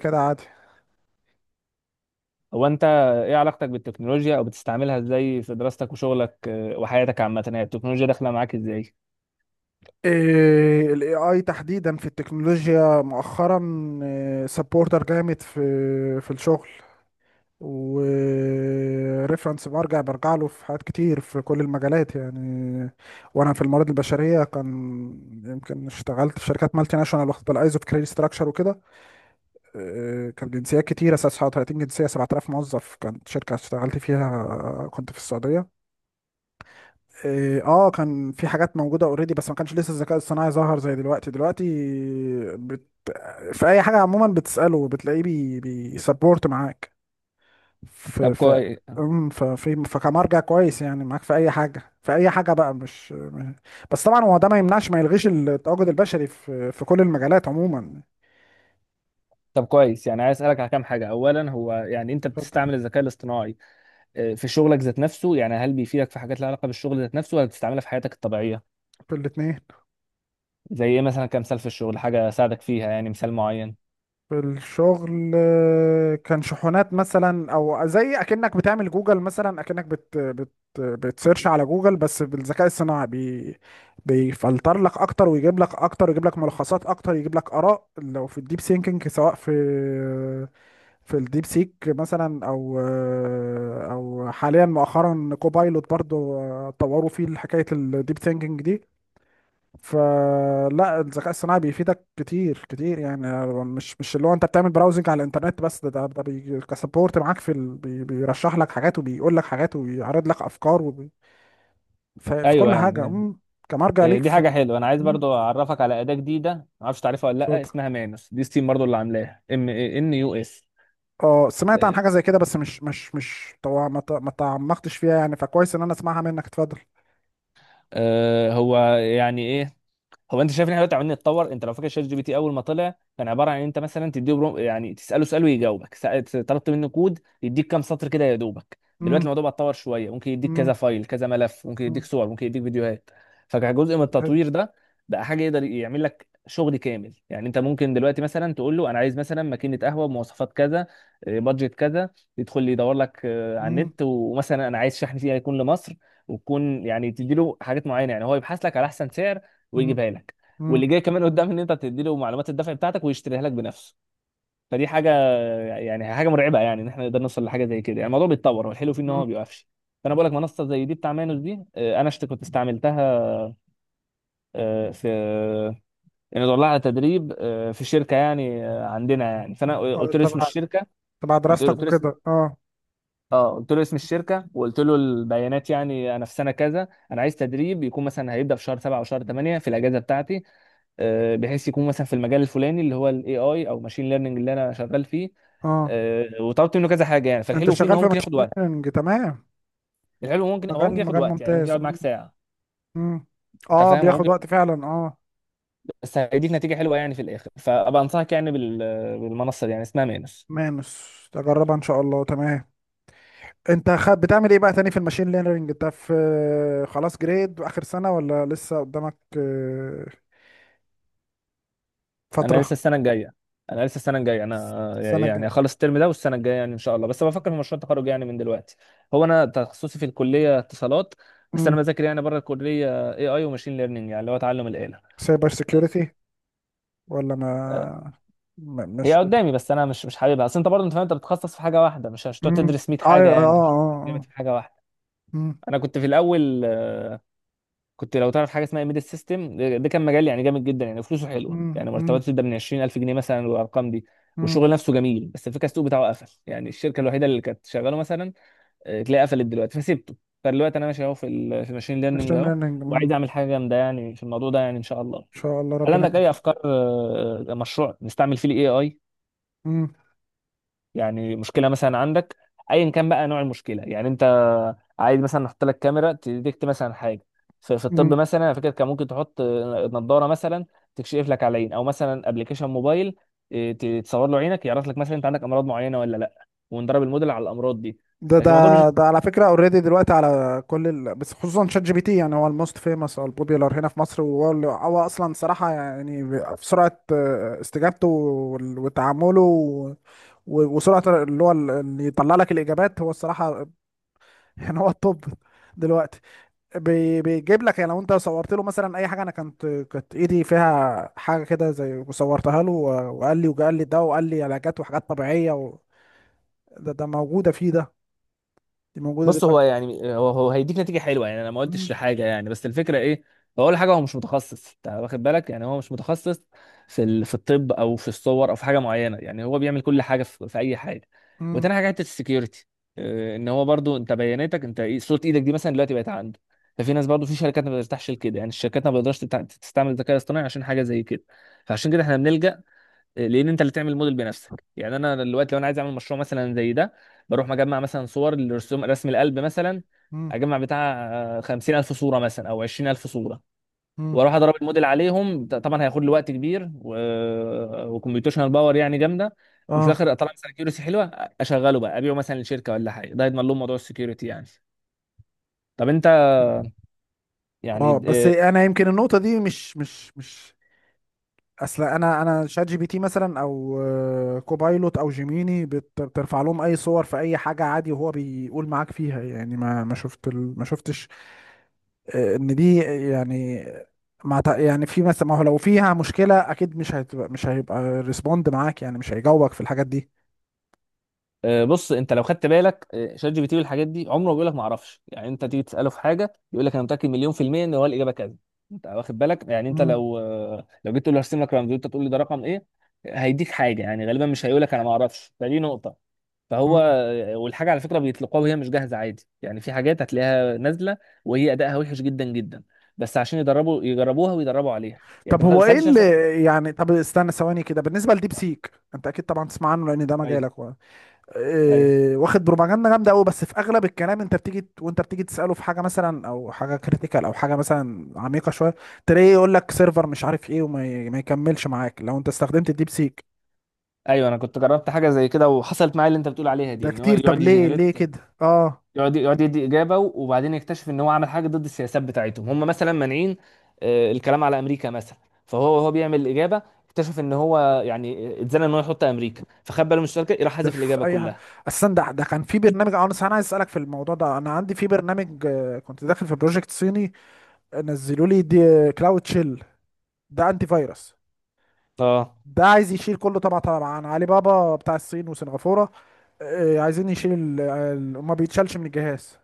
كده عادي. هو انت، ايه علاقتك بالتكنولوجيا او بتستعملها ازاي في دراستك وشغلك وحياتك عامه؟ يعني التكنولوجيا داخله معاك ازاي؟ إيه ال AI تحديدا في التكنولوجيا مؤخرا سبورتر جامد في في الشغل، وريفرنس برجع له في حاجات كتير في كل المجالات يعني. وانا في الموارد البشريه، كان يمكن اشتغلت في شركات مالتي ناشونال، واخد بالايزو في كريدت ستراكشر وكده. إيه، كان جنسيات كتير، اساس 30 جنسيه، 7,000 موظف كانت شركه اشتغلت فيها. آه، كنت في السعوديه. إيه، اه كان في حاجات موجوده اوريدي بس ما كانش لسه الذكاء الصناعي ظهر زي دلوقتي دلوقتي. بت... في اي حاجه عموما بتساله بتلاقيه بيسبورت معاك. ف... طب ف... كويس أم، ففي فكمرجع كويس يعني معاك في اي حاجه، في اي حاجه بقى، مش بس طبعا. هو ده ما يمنعش ما يلغيش التواجد البشري في كل المجالات عموما. طب كويس. يعني عايز اسالك على كام حاجه. اولا، هو يعني انت اتفضل. بتستعمل الذكاء الاصطناعي في شغلك ذات نفسه؟ يعني هل بيفيدك في حاجات لها علاقه بالشغل ذات نفسه ولا بتستعملها في حياتك الطبيعيه؟ في الاثنين. زي ايه مثلا؟ كمثال في الشغل حاجه ساعدك فيها، يعني مثال معين. في الشغل، آه، كان شحونات مثلا، او زي اكنك بتعمل جوجل مثلا، اكنك بت بت بتسيرش على جوجل، بس بالذكاء الصناعي بيفلتر لك اكتر، ويجيب لك اكتر، ويجيب لك ملخصات اكتر، يجيب لك اراء لو في الديب سينكينج، سواء في في الديب سيك مثلا، او او حاليا مؤخرا كوبايلوت برضو، آه، طوروا فيه حكايه الديب سينكينج دي. فلا، الذكاء الصناعي بيفيدك كتير كتير يعني. مش اللي هو انت بتعمل براوزنج على الانترنت بس. ده بي كسبورت معاك في ال... بي بيرشح لك حاجات، وبيقول لك حاجات، وبيعرض لك افكار، في ايوه كل حاجه. يعني. كمرجع ليك دي حاجه في. حلوه. انا عايز مم، برضو اعرفك على اداه جديده، ما اعرفش تعرفها ولا لا، اتفضل. اسمها مانوس. دي ستيم برضو، اللي عاملاها ام ان يو اس. اه، سمعت عن آه، حاجه زي كده، بس مش طبعا ما تعمقتش فيها يعني، فكويس ان انا اسمعها منك. اتفضل. هو يعني ايه؟ هو انت شايف ان احنا دلوقتي عمالين نتطور. انت لو فاكر شات جي بي تي اول ما طلع كان عباره عن انت مثلا تديه يعني تساله سؤال ويجاوبك. طلبت منه كود يديك كام سطر كده يا دوبك. دلوقتي امم الموضوع بقى اتطور شويه، ممكن يديك كذا امم فايل كذا ملف، ممكن يديك امم. صور، ممكن يديك فيديوهات. فكجزء من أيوه. التطوير ده بقى حاجه يقدر يعمل لك شغل كامل. يعني انت ممكن دلوقتي مثلا تقول له انا عايز مثلا ماكينه قهوه بمواصفات كذا، بادجت كذا. يدخل لي يدور لك على امم النت، ومثلا انا عايز شحن فيها يكون لمصر، وتكون يعني تديله حاجات معينه، يعني هو يبحث لك على احسن سعر امم ويجيبها لك. امم. واللي جاي كمان قدام ان انت تدي له معلومات الدفع بتاعتك ويشتريها لك بنفسه. فدي حاجه يعني حاجه مرعبه، يعني ان احنا نقدر نوصل لحاجه زي كده. يعني الموضوع بيتطور، والحلو فيه ان هو أمم. ما بيوقفش. فانا بقول لك منصه زي دي بتاع مانوس دي. انا كنت استعملتها، في يعني دور لها على تدريب في شركه يعني عندنا، يعني فانا اه قلت له اسم تبع، الشركه. تبع قلت له دراستك قلت له وكده، اه. اه قلت له اسم الشركه، وقلت له البيانات، يعني انا في سنه كذا، انا عايز تدريب يكون مثلا هيبدا في شهر 7 او شهر 8 في الاجازه بتاعتي، بحيث يكون مثلا في المجال الفلاني اللي هو الاي اي او ماشين ليرنينج اللي انا شغال فيه. اه. وطلبت منه كذا حاجه، يعني انت فالحلو فيه ان شغال هو في ممكن ياخد ماشين وقت. ليرنينج، تمام. الحلو هو ممكن مجال ياخد مجال وقت، يعني ممكن ممتاز. يقعد معاك م- ساعه م. انت اه فاهم. هو بياخد ممكن، وقت فعلا، اه. بس هيديك نتيجه حلوه يعني في الاخر، فابقى انصحك يعني بالمنصه دي، يعني اسمها مينس. مانس، تجربها ان شاء الله، تمام. انت خد بتعمل ايه بقى تاني في الماشين ليرنينج؟ انت في خلاص جريد، اخر سنة، ولا لسه قدامك آه، انا فترة؟ لسه السنه الجايه انا لسه السنه الجايه انا سنة يعني جاية. اخلص الترم ده، والسنه الجايه يعني ان شاء الله، بس بفكر في مشروع التخرج يعني من دلوقتي. هو انا تخصصي في الكليه اتصالات، بس انا بذاكر يعني بره الكليه اي اي وماشين ليرنينج، يعني اللي هو تعلم الاله. سايبر سيكيورتي ولا آه، ما م- هي مش بت- قدامي بس انا مش حاببها. اصل انت برضه انت فاهم، انت بتتخصص في حاجه واحده، مش هتقعد م. تدرس 100 اه، حاجه، يعني مش جامد اه، في حاجه واحده. اه، انا كنت في الاول كنت، لو تعرف حاجه اسمها ميد سيستم، ده كان مجال يعني جامد جدا، يعني فلوسه حلوه، يعني اه. مرتباته تبدا من 20000 جنيه مثلا، والارقام دي، والشغل نفسه جميل، بس الفكره السوق بتاعه قفل. يعني الشركه الوحيده اللي كانت شغاله مثلا تلاقي قفلت دلوقتي، فسيبته. فدلوقتي انا ماشي اهو في في الماشين ليرنينج ماشين اهو، ليرنينج، ان وعايز اعمل حاجه جامده يعني في الموضوع ده، يعني ان شاء الله. شاء الله هل ربنا عندك يكون اي افكار مشروع نستعمل فيه الاي اي؟ يعني مشكله مثلا عندك، ايا كان بقى نوع المشكله، يعني انت عايز مثلا نحط لك كاميرا تديكت مثلا حاجه. في م. الطب مثلا، انا فاكر كان ممكن تحط نظاره مثلا تكشف لك على العين، او مثلا ابلكيشن موبايل تصور له عينك، يعرف لك مثلا انت عندك امراض معينه ولا لا، وندرب الموديل على الامراض دي. ده لكن الموضوع مش، ده ده على فكرة اوريدي دلوقتي على كل بس خصوصا شات جي بي تي، يعني هو الموست فيمس او البوبيولار هنا في مصر، وهو اللي هو اصلا صراحة يعني في سرعة، آه، استجابته وتعامله، وسرعة اللي هو اللي يطلع لك الاجابات، هو الصراحة. يعني هو الطب دلوقتي بيجيب لك، يعني لو انت صورت له مثلا اي حاجة. انا كانت ايدي فيها حاجة كده زي، صورتها له، وقال لي ده، وقال لي علاجات وحاجات طبيعية و... ده ده موجودة فيه، ده دي موجودة بص هو يعني هو هيديك نتيجه حلوه يعني، انا ما قلتش دلوقتي. لحاجه يعني بس الفكره ايه. هو اول حاجه هو مش متخصص، انت واخد بالك، يعني هو مش متخصص في الطب او في الصور او في حاجه معينه، يعني هو بيعمل كل حاجه في اي حاجه. مم. وتاني حاجه حته السكيورتي، ان هو برضو انت بياناتك انت، صوره ايدك دي مثلا دلوقتي بقت عنده. ففي ناس برضو في شركات ما بترتاحش لكده، يعني الشركات ما بتقدرش تستعمل الذكاء الاصطناعي عشان حاجه زي كده، فعشان كده احنا بنلجأ. لان انت اللي تعمل الموديل بنفسك، يعني انا دلوقتي لو انا عايز اعمل مشروع مثلا زي ده، بروح مجمع مثلا صور لرسوم رسم القلب مثلا، مم. اجمع بتاع خمسين الف صوره مثلا او عشرين الف صوره، مم. واروح اضرب الموديل عليهم. طبعا هياخد لي وقت كبير وكمبيوتيشنال باور يعني جامده، وفي اه. الاخر اطلع مثلا كيوريسي حلوه، اشغله بقى ابيعه مثلا لشركه ولا حاجه، ده يضمن لهم موضوع السكيورتي يعني. طب انت مم. اه يعني بس انا يمكن النقطه دي مش اصل انا شات جي بي تي مثلا، او آه، كوبايلوت، او جيميني، بترفع لهم اي صور في اي حاجه عادي، وهو بيقول معاك فيها يعني. ما شفت ما شفتش آه، ان دي يعني ما تع- يعني في مثلا، ما هو لو فيها مشكله اكيد مش هتبقى، مش هيبقى ريسبوند معاك يعني، مش هيجاوبك في الحاجات دي. بص، انت لو خدت بالك شات جي بي تي والحاجات دي عمره ما بيقول لك ما اعرفش. يعني انت تيجي تساله في حاجه يقول لك انا متاكد مليون في الميه ان هو الاجابه كذا. انت واخد بالك، يعني انت لو لو جيت تقول له هرسم لك رمز وانت تقول لي ده رقم ايه، هيديك حاجه، يعني غالبا مش هيقول لك انا ما اعرفش، فدي نقطه. فهو مم. والحاجه على فكره بيطلقوها وهي مش جاهزه عادي، يعني في حاجات هتلاقيها نازله وهي ادائها وحش جدا جدا، بس عشان يدربوا يجربوها ويدربوا عليها. يعني طب انت ما هو ايه سالتش اللي نفسك. يعني، طب استنى ثواني كده، بالنسبه لديب ايوه، سيك انت اكيد طبعا تسمع عنه لان ده ايوه، مجالك و... ايوه، إيه... واخد بروباجندا جامده قوي، بس في اغلب الكلام انت وانت بتيجي تساله في حاجه مثلا، او حاجه كريتيكال، او حاجه مثلا عميقه شويه، تلاقيه يقول لك سيرفر مش عارف ايه، ما يكملش معاك لو انت استخدمت الديب سيك. أيوه، انا كنت جربت حاجه زي كده، وحصلت معايا اللي انت بتقول عليها دي، ده ان هو كتير، طب يقعد ليه يجنريت، كده، اه؟ يقعد يدي اجابه، وبعدين يكتشف ان هو عمل حاجه ضد السياسات بتاعتهم. هم مثلا مانعين الكلام على امريكا مثلا، فهو بيعمل الاجابه، اكتشف ان هو يعني اتزنق ان هو يحط امريكا، فخد باله من الشركه، راح ده حذف في الاجابه اي حاجه كلها. اصلا. ده ده كان في برنامج، اه انا أنا عايز اسالك في الموضوع ده. انا عندي في برنامج، آه، كنت داخل في بروجكت صيني، آه، نزلوا لي دي، كلاود شيل. ده انتي فيروس، اه، ده عايز يشيل كله طبعا طبعا، عن علي بابا بتاع الصين وسنغافورة. آه، عايزين يشيل ما بيتشالش من الجهاز.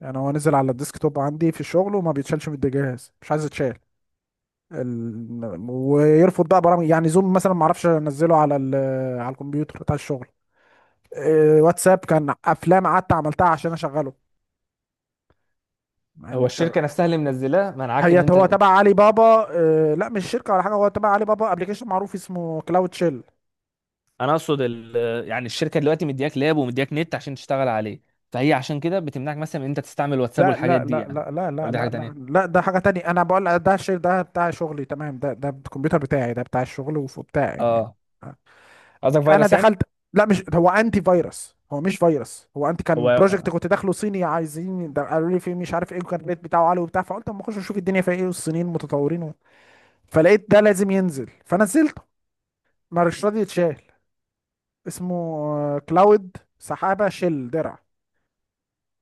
يعني هو نزل على الديسك توب عندي في الشغل، وما بيتشالش من الجهاز، مش عايز يتشال. ويرفض بقى برامج، يعني زوم مثلا ما اعرفش انزله على على الكمبيوتر بتاع الشغل. آه، واتساب كان افلام قعدت عملتها عشان اشغله، مع هو اني مش شغال. الشركه نفسها اللي منزلاه منعاك هي ان هو انت؟ تبع علي بابا. آه، لا مش شركة ولا حاجة، هو تبع علي بابا، ابلكيشن معروف اسمه كلاود شيل. انا اقصد ال... آه، يعني الشركه دلوقتي مدياك لاب ومدياك نت عشان تشتغل عليه، فهي عشان كده بتمنعك مثلا ان انت تستعمل واتساب لا والحاجات لا دي لا يعني، لا لا لا ولا دي حاجه لا لا تانيه؟ لا، ده حاجة تانية، أنا بقول ده الشير ده بتاع شغلي، تمام. ده ده الكمبيوتر بتاعي ده بتاع الشغل وبتاع يعني. اه، قصدك أنا فيروس يعني. دخلت، لا مش هو أنتي فيروس، هو مش فيروس، هو أنتي. كان بروجكت هو كنت داخله صيني، عايزين ده، قالوا لي فيه مش عارف إيه، وكان الريت بتاعه عالي وبتاع، فقلت أما أخش أشوف الدنيا فيها إيه والصينيين متطورين و... فلقيت ده لازم ينزل، فنزلته، مش راضي يتشال. اسمه آه، كلاود، سحابة، شيل، درع.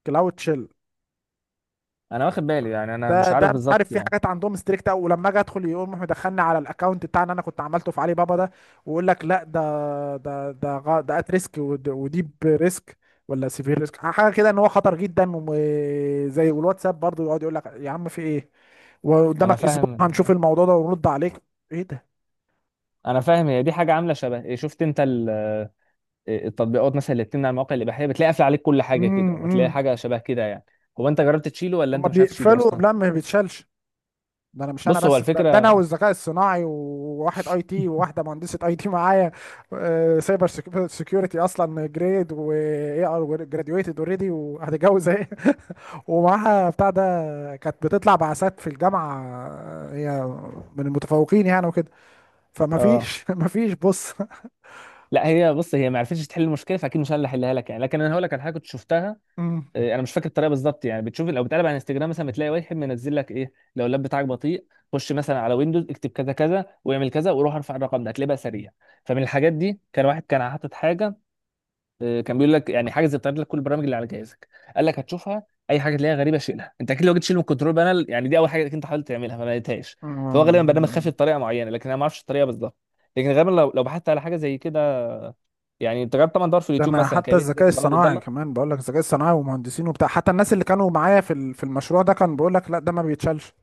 كلاود شيل. انا واخد بالي، يعني انا ده مش ده عارف مش عارف، بالظبط في يعني. حاجات عندهم ستريكت قوي، ولما اجي ادخل يقوم راح مدخلني على الاكونت بتاع اللي انا كنت عملته في علي بابا ده، ويقول لك لا ده ات ريسك، وديب ريسك، ولا سيفير ريسك، حاجه كده، ان هو خطر جدا وزي. والواتساب برضه يقعد يقول لك يا عم في ايه، انا وقدامك اسبوع فاهم، هنشوف الموضوع ده ونرد عليك. ايه ده. انا فاهم. هي دي حاجه عامله شبه، شفت انت ال- إيه، التطبيقات مثلا اللي بتمنع المواقع الاباحيه، بتلاقي قافله عليك كل حاجه امم. كده، وتلاقي امم. حاجه شبه كده يعني. هو انت جربت تشيله ولا انت هما مش عارف تشيله بيقفلوا، اصلا؟ لا ما بيتشالش. ده انا مش انا بص هو بس، ده ده انا الفكره. والذكاء الصناعي، وواحد اي تي، وواحده مهندسه اي تي معايا. آه، سايبر سيكيورتي اصلا، جريد، واي ار جراديويتد اوريدي، وهتتجوز اهي. ومعاها بتاع ده. كانت بتطلع بعثات في الجامعه، آه، هي من المتفوقين يعني وكده. فما اه فيش ما فيش، بص. لا، هي بص هي ما عرفتش تحل المشكله، فاكيد مش انا اللي هحلها لك يعني، لكن انا هقول لك على حاجه كنت شفتها. مم. انا مش فاكر الطريقه بالظبط يعني. بتشوف لو بتقلب على انستجرام مثلا بتلاقي واحد منزل لك ايه، لو اللاب بتاعك بطيء خش مثلا على ويندوز اكتب كذا كذا واعمل كذا وروح ارفع الرقم ده هتلاقيه بقى سريع. فمن الحاجات دي كان واحد كان حاطط حاجه، كان بيقول لك يعني حاجز بتعرض لك كل البرامج اللي على جهازك. قال لك هتشوفها اي حاجه تلاقيها غريبه شيلها. انت اكيد لو جيت تشيل من الكنترول بانل، يعني دي اول حاجه انت حاولت تعملها ما لقيتهاش. فهو غالبا برنامج خافي مم. بطريقه معينه، لكن انا ما اعرفش الطريقه بالظبط. لكن غالبا لو بحثت على حاجه زي كده، يعني انت جربت طبعا دور في ده اليوتيوب انا مثلا حتى كيفيه تنزل الذكاء البرامج الصناعي الضاله. كمان بقول لك، الذكاء الصناعي ومهندسين وبتاع، حتى الناس اللي كانوا معايا في في المشروع ده، كان بيقول لك لا ده ما بيتشالش.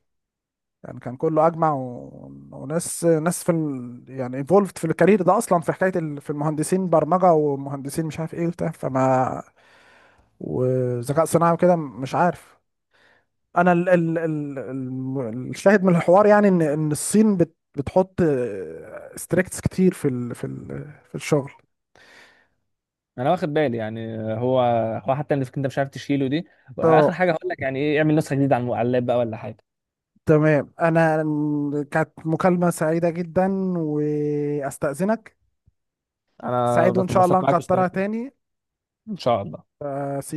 يعني كان كله اجمع، و... وناس في يعني انفولفد في الكارير ده اصلا، في حكايه في المهندسين برمجه، ومهندسين مش عارف ايه وبتاع فما، وذكاء صناعي وكده، مش عارف. انا الشاهد من الحوار يعني، ان ان الصين بتحط ستريكتس كتير في في الشغل. انا واخد بالي، يعني هو حتى اللي انت مش عارف تشيله دي، واخر اه، حاجه هقول لك يعني ايه، اعمل نسخه جديده على على اللاب بقى ولا حاجه. تمام. انا كانت مكالمه سعيده جدا، واستاذنك. انا سعيد، بس وان شاء الله انبسطت معاك نكترها واستفدت. تاني. ان شاء الله. سي.